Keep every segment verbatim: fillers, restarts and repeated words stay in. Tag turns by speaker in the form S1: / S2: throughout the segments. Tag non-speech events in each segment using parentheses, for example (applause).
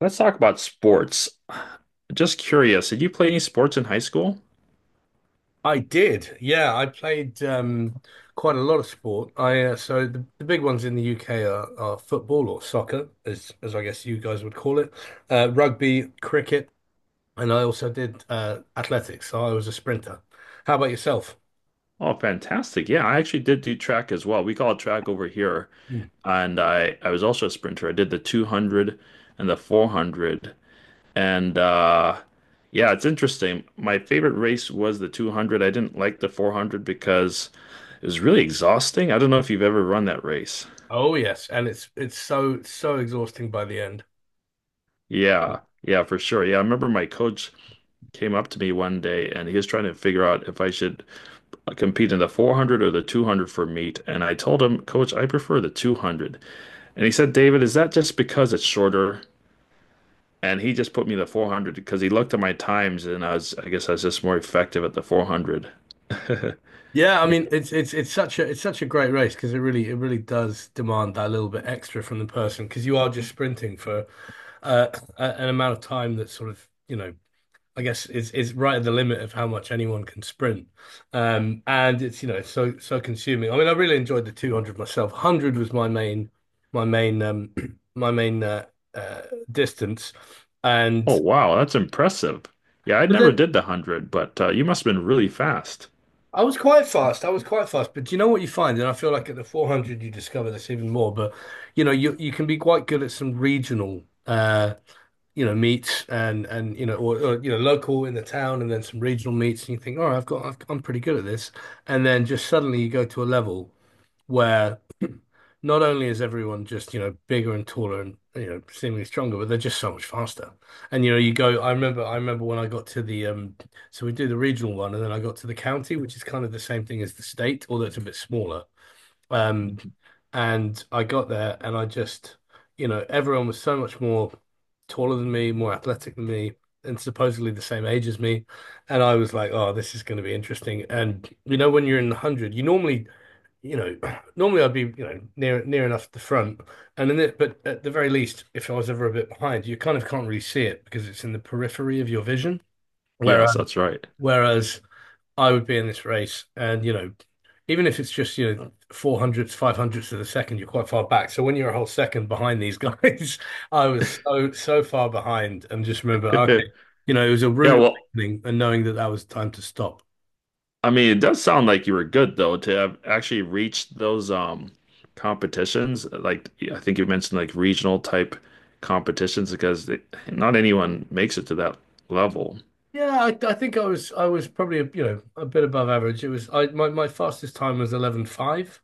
S1: Let's talk about sports. Just curious, did you play any sports in high school?
S2: I did. Yeah, I played um, quite a lot of sport. I uh, so the, the big ones in the U K are, are football or soccer, as as I guess you guys would call it, uh, rugby, cricket, and I also did uh, athletics. So I was a sprinter. How about yourself?
S1: Oh, fantastic. Yeah, I actually did do track as well. We call it track over here.
S2: Hmm.
S1: And I, I was also a sprinter. I did the two hundred and the four hundred. And uh, yeah, it's interesting. My favorite race was the two hundred. I didn't like the four hundred because it was really exhausting. I don't know if you've ever run that race.
S2: Oh yes, and it's it's so so exhausting by the end.
S1: Yeah, yeah, for sure. Yeah, I remember my coach came up to me one day and he was trying to figure out if I should, like, compete in the four hundred or the two hundred for meet. And I told him, Coach, I prefer the two hundred. And he said, David, is that just because it's shorter? And he just put me in the four hundred because he looked at my times and I was, I guess I was just more effective at the four hundred. (laughs)
S2: Yeah, I
S1: Yeah.
S2: mean it's it's it's such a it's such a great race because it really it really does demand that little bit extra from the person because you are just sprinting for uh, a- an amount of time that sort of you know I guess is is right at the limit of how much anyone can sprint, um, and it's you know it's so so consuming. I mean I really enjoyed the two hundred myself. one hundred was my main my main um (clears throat) my main uh, uh, distance,
S1: Oh,
S2: and
S1: wow. That's impressive. Yeah, I
S2: but
S1: never
S2: then
S1: did the one hundred, but uh, you must have been really fast.
S2: I was quite fast. I was quite fast. But do you know what you find? And I feel like at the four hundred you discover this even more. But you know, you you can be quite good at some regional uh you know meets and and you know or, or you know local in the town and then some regional meets and you think, all right, I've got I've, I'm pretty good at this. And then just suddenly you go to a level where (clears throat) not only is everyone just, you know, bigger and taller and, you know, seemingly stronger, but they're just so much faster. And, you know, you go, I remember, I remember when I got to the, um, so we do the regional one, and then I got to the county, which is kind of the same thing as the state, although it's a bit smaller. Um,
S1: Mhm.
S2: and I got there and I just, you know, everyone was so much more taller than me, more athletic than me, and supposedly the same age as me. And I was like, oh, this is going to be interesting. And, you know, when you're in the one hundred, you normally, you know, (clears throat) normally I'd be, you know, near near enough the front, and then it, but at the very least, if I was ever a bit behind, you kind of can't really see it because it's in the periphery of your vision.
S1: Yes,
S2: Whereas
S1: that's right. (laughs)
S2: whereas I would be in this race, and you know, even if it's just you know four hundredths, five hundredths of a second, you're quite far back. So when you're a whole second behind these guys, (laughs) I was so so far behind, and just remember,
S1: Yeah,
S2: okay, you know, it was a rude
S1: well,
S2: awakening, and knowing that that was time to stop.
S1: I mean, it does sound like you were good though to have actually reached those um competitions. Like I think you mentioned, like, regional type competitions because it, not anyone makes it to that level.
S2: Yeah, I, I think I was I was probably a, you know a bit above average. It was I my, my fastest time was eleven point five,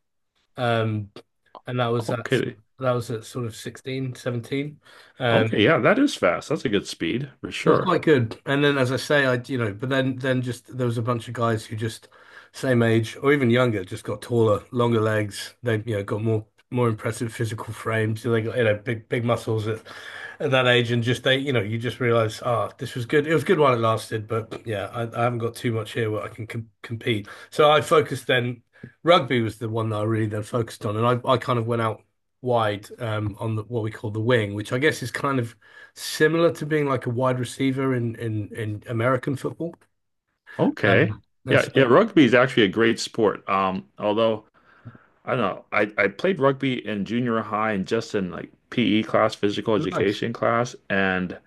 S2: um, and that was at
S1: Okay.
S2: that was at sort of sixteen seventeen.
S1: Okay,
S2: Um,
S1: yeah, that is fast. That's a good speed for
S2: it was
S1: sure.
S2: quite good. And then, as I say, I, you know, but then, then just there was a bunch of guys who just same age or even younger, just got taller, longer legs. They, you know, got more, more impressive physical frames. They got, you know, big, big muscles at, at that age. And just they, you know, you just realize, ah, this was good. It was good while it lasted, but yeah, I, I haven't got too much here where I can com compete. So I focused then, rugby was the one that I really then focused on. And I, I kind of went out wide um, on the, what we call the wing, which I guess is kind of similar to being like a wide receiver in in in American football.
S1: Okay.
S2: Um, and
S1: Yeah,
S2: so
S1: yeah, rugby is actually a great sport. Um, although I don't know, I, I played rugby in junior high and just in, like, P E class, physical
S2: nice.
S1: education class, and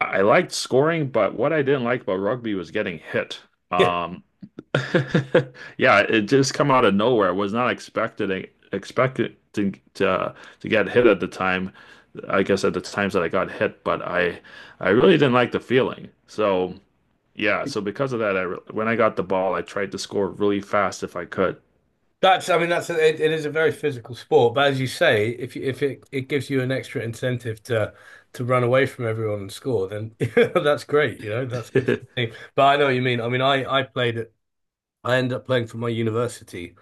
S1: I liked scoring, but what I didn't like about rugby was getting hit.
S2: Yeah,
S1: Um, (laughs) yeah, it just come out of nowhere. I was not expecting expecting to, to to get hit at the time. I guess at the times that I got hit, but I I really didn't like the feeling. So yeah, so because of that, I re- when I got the ball, I tried to score really fast if I could.
S2: that's. I mean, that's a, it, it is a very physical sport, but as you say, if you, if it it gives you an extra incentive to to run away from everyone and score, then (laughs) that's great. You know, that's good for
S1: (laughs)
S2: the team. But I know what you mean. I mean, I I played it. I ended up playing for my university,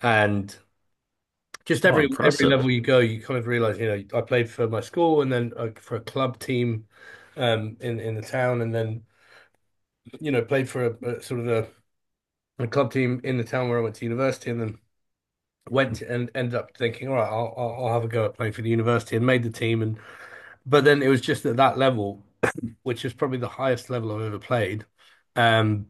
S2: and just
S1: Oh,
S2: every every level
S1: impressive.
S2: you go, you kind of realize, you know, I played for my school and then uh, for a club team um in in the town, and then you know, played for a, a sort of a, a club team in the town where I went to university, and then went to- and ended up thinking, all right, I'll, I'll I'll have a go at playing for the university, and made the team. And but then it was just at that level, which is probably the highest level I've ever played. Um,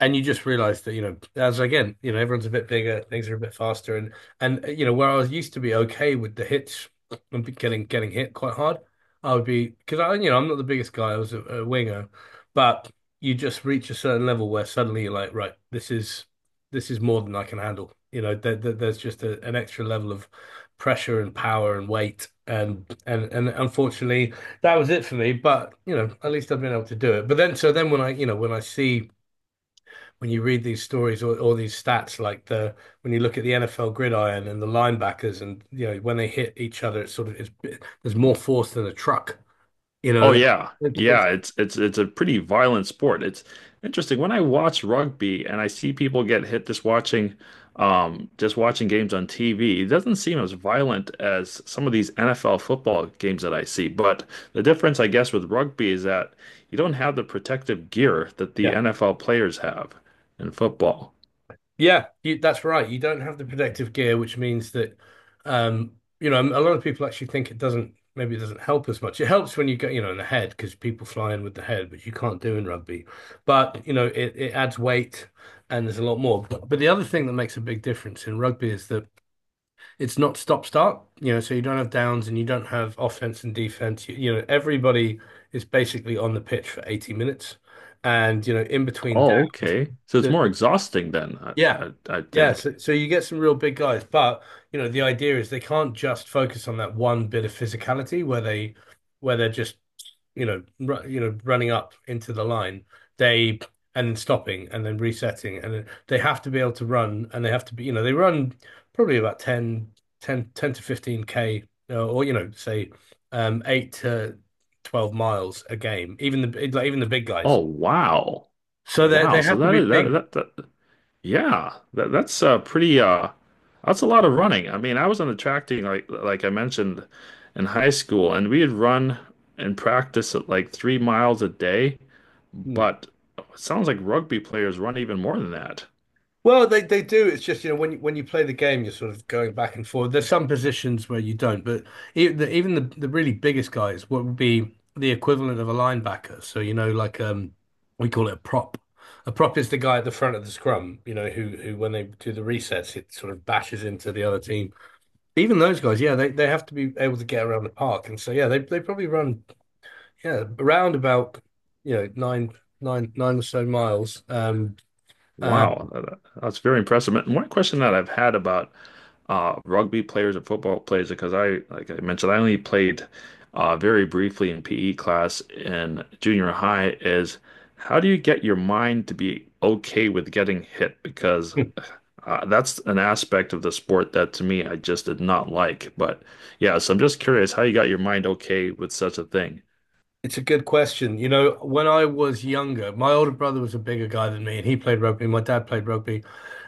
S2: and you just realize that you know as again you know everyone's a bit bigger things are a bit faster and and uh, you know where I was used to be okay with the hits and getting getting hit quite hard I would be because I you know I'm not the biggest guy I was a, a winger but you just reach a certain level where suddenly you're like right this is this is more than I can handle you know there, there- there's just a, an extra level of pressure and power and weight and and and unfortunately that was it for me but you know at least I've been able to do it but then so then when I you know when I see when you read these stories or, or these stats, like the when you look at the N F L gridiron and the linebackers, and you know when they hit each other, it's sort of it's there's more force than a truck. You
S1: Oh
S2: know,
S1: yeah.
S2: it's, it's
S1: Yeah, it's it's it's a pretty violent sport. It's interesting when I watch rugby and I see people get hit, just watching um just watching games on T V. It doesn't seem as violent as some of these N F L football games that I see. But the difference I guess with rugby is that you don't have the protective gear that
S2: yeah,
S1: the N F L players have in football.
S2: yeah. You, that's right. You don't have the protective gear, which means that um, you know a lot of people actually think it doesn't. Maybe it doesn't help as much. It helps when you get, you know, in the head because people fly in with the head, which you can't do in rugby. But, you know, it, it adds weight and there's a lot more. But, but the other thing that makes a big difference in rugby is that it's not stop start, you know, so you don't have downs and you don't have offense and defense. You, you know, everybody is basically on the pitch for eighty minutes. And, you know, in between
S1: Oh,
S2: downs,
S1: okay. So it's more
S2: the
S1: exhausting then, I
S2: yeah.
S1: I, I
S2: Yeah.
S1: think.
S2: So, so you get some real big guys, but you know, the idea is they can't just focus on that one bit of physicality where they where they're just, you know, ru you know, running up into the line. They And stopping and then resetting and then they have to be able to run and they have to be, you know, they run probably about ten, ten, ten to fifteen K uh, or, you know, say um eight to twelve miles a game, even the like, even the big guys.
S1: Oh, wow.
S2: So they
S1: Wow.
S2: they
S1: So
S2: have to
S1: that
S2: be
S1: is that
S2: big.
S1: that that. Yeah, that, that's uh pretty uh that's a lot of running. I mean, I was on the track team, like like I mentioned, in high school, and we would run and practice at like three miles a day,
S2: Hmm.
S1: but it sounds like rugby players run even more than that.
S2: Well, they, they do. It's just, you know, when you, when you play the game, you're sort of going back and forth. There's some positions where you don't, but even the, even the, the really biggest guys, what would be the equivalent of a linebacker? So, you know, like um, we call it a prop. A prop is the guy at the front of the scrum, you know, who who when they do the resets, it sort of bashes into the other team. Even those guys, yeah, they, they have to be able to get around the park, and so yeah, they they probably run yeah around about you know nine nine nine or so miles. Um, uh,
S1: Wow, that- that's very impressive. And one question that I've had about uh, rugby players and football players, because I, like I mentioned, I only played uh, very briefly in P E class in junior high, is how do you get your mind to be okay with getting hit? Because
S2: (laughs)
S1: uh, that's an aspect of the sport that to me I just did not like. But yeah, so I'm just curious how you got your mind okay with such a thing.
S2: It's a good question. You know, when I was younger, my older brother was a bigger guy than me, and he played rugby. My dad played rugby,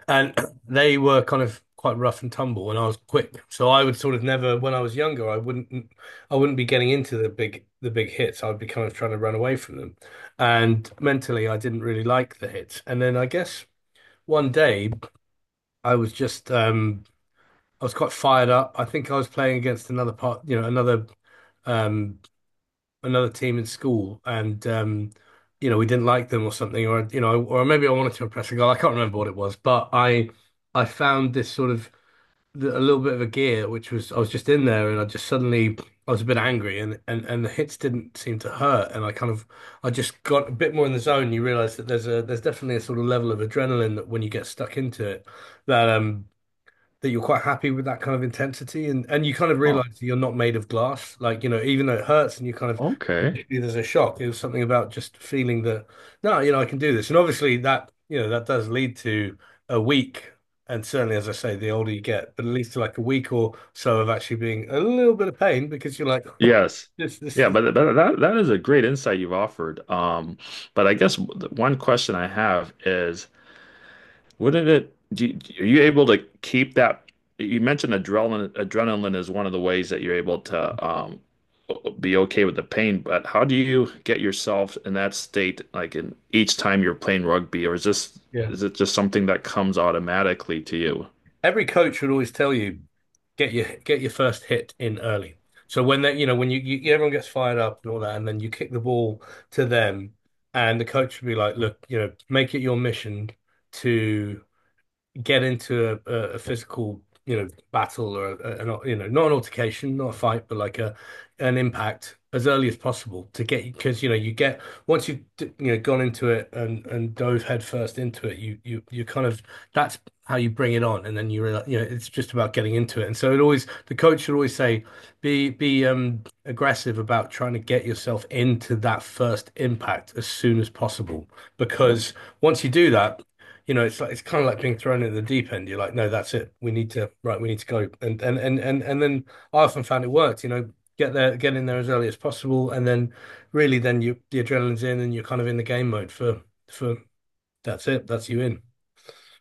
S2: and (clears throat) they were kind of quite rough and tumble, and I was quick. So I would sort of never, when I was younger, I wouldn't, I wouldn't be getting into the big, the big hits. I would be kind of trying to run away from them, and mentally, I didn't really like the hits. And then I guess one day, I was just, um, I was quite fired up. I think I was playing against another part, you know, another. Um another team in school, and um, you know we didn't like them or something, or you know, or maybe I wanted to impress a girl. I can't remember what it was, but I I found this sort of th- a little bit of a gear, which was I was just in there, and I just suddenly I was a bit angry, and and and the hits didn't seem to hurt, and I kind of I just got a bit more in the zone. You realize that there's a there's definitely a sort of level of adrenaline that when you get stuck into it, that um. That you're quite happy with that kind of intensity, and, and you kind of
S1: Oh,
S2: realize that you're not made of glass. Like, you know, even though it hurts and you kind of
S1: okay.
S2: there's a shock. It was something about just feeling that, no, you know, I can do this. And obviously that, you know, that does lead to a week. And certainly, as I say, the older you get, but at least to like a week or so of actually being a little bit of pain because you're like,
S1: Yes.
S2: (laughs) this, this,
S1: Yeah,
S2: this.
S1: but but that that is a great insight you've offered. Um, but I guess the one question I have is, wouldn't it do you, are you able to keep that? You mentioned adrenaline. Adrenaline is one of the ways that you're able to um, be okay with the pain. But how do you get yourself in that state, like in each time you're playing rugby, or is this
S2: Yeah.
S1: is it just something that comes automatically to you?
S2: Every coach would always tell you, get your get your first hit in early. So when they, you know, when you, you everyone gets fired up and all that, and then you kick the ball to them, and the coach would be like, look, you know, make it your mission to get into a, a physical, you know, battle or a, an, you know, not an altercation, not a fight, but like a an impact as early as possible to get because you know you get once you've d- you know gone into it and and dove headfirst into it, you you you kind of that's how you bring it on, and then you realize you know it's just about getting into it, and so it always the coach should always say be be um aggressive about trying to get yourself into that first impact as soon as possible because once you do that you know, it's like it's kind of like being thrown in the deep end. You're like, no, that's it. We need to, right, we need to go. And and and and and then I often found it worked, you know, get there, get in there as early as possible, and then really then you the adrenaline's in and you're kind of in the game mode for for that's it, that's you in.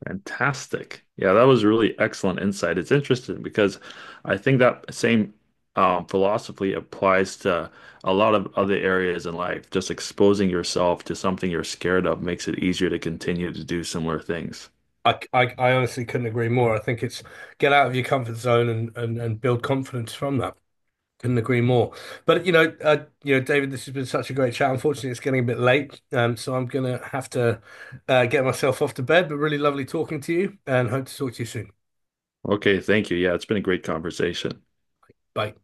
S1: Fantastic. Yeah, that was really excellent insight. It's interesting because I think that same um, philosophy applies to a lot of other areas in life. Just exposing yourself to something you're scared of makes it easier to continue to do similar things.
S2: I, I, I honestly couldn't agree more. I think it's get out of your comfort zone and, and, and build confidence from that. Couldn't agree more. But you know, uh, you know, David, this has been such a great chat. Unfortunately, it's getting a bit late, um, so I'm gonna have to uh, get myself off to bed. But really lovely talking to you, and hope to talk to you soon.
S1: Okay, thank you. Yeah, it's been a great conversation.
S2: Bye.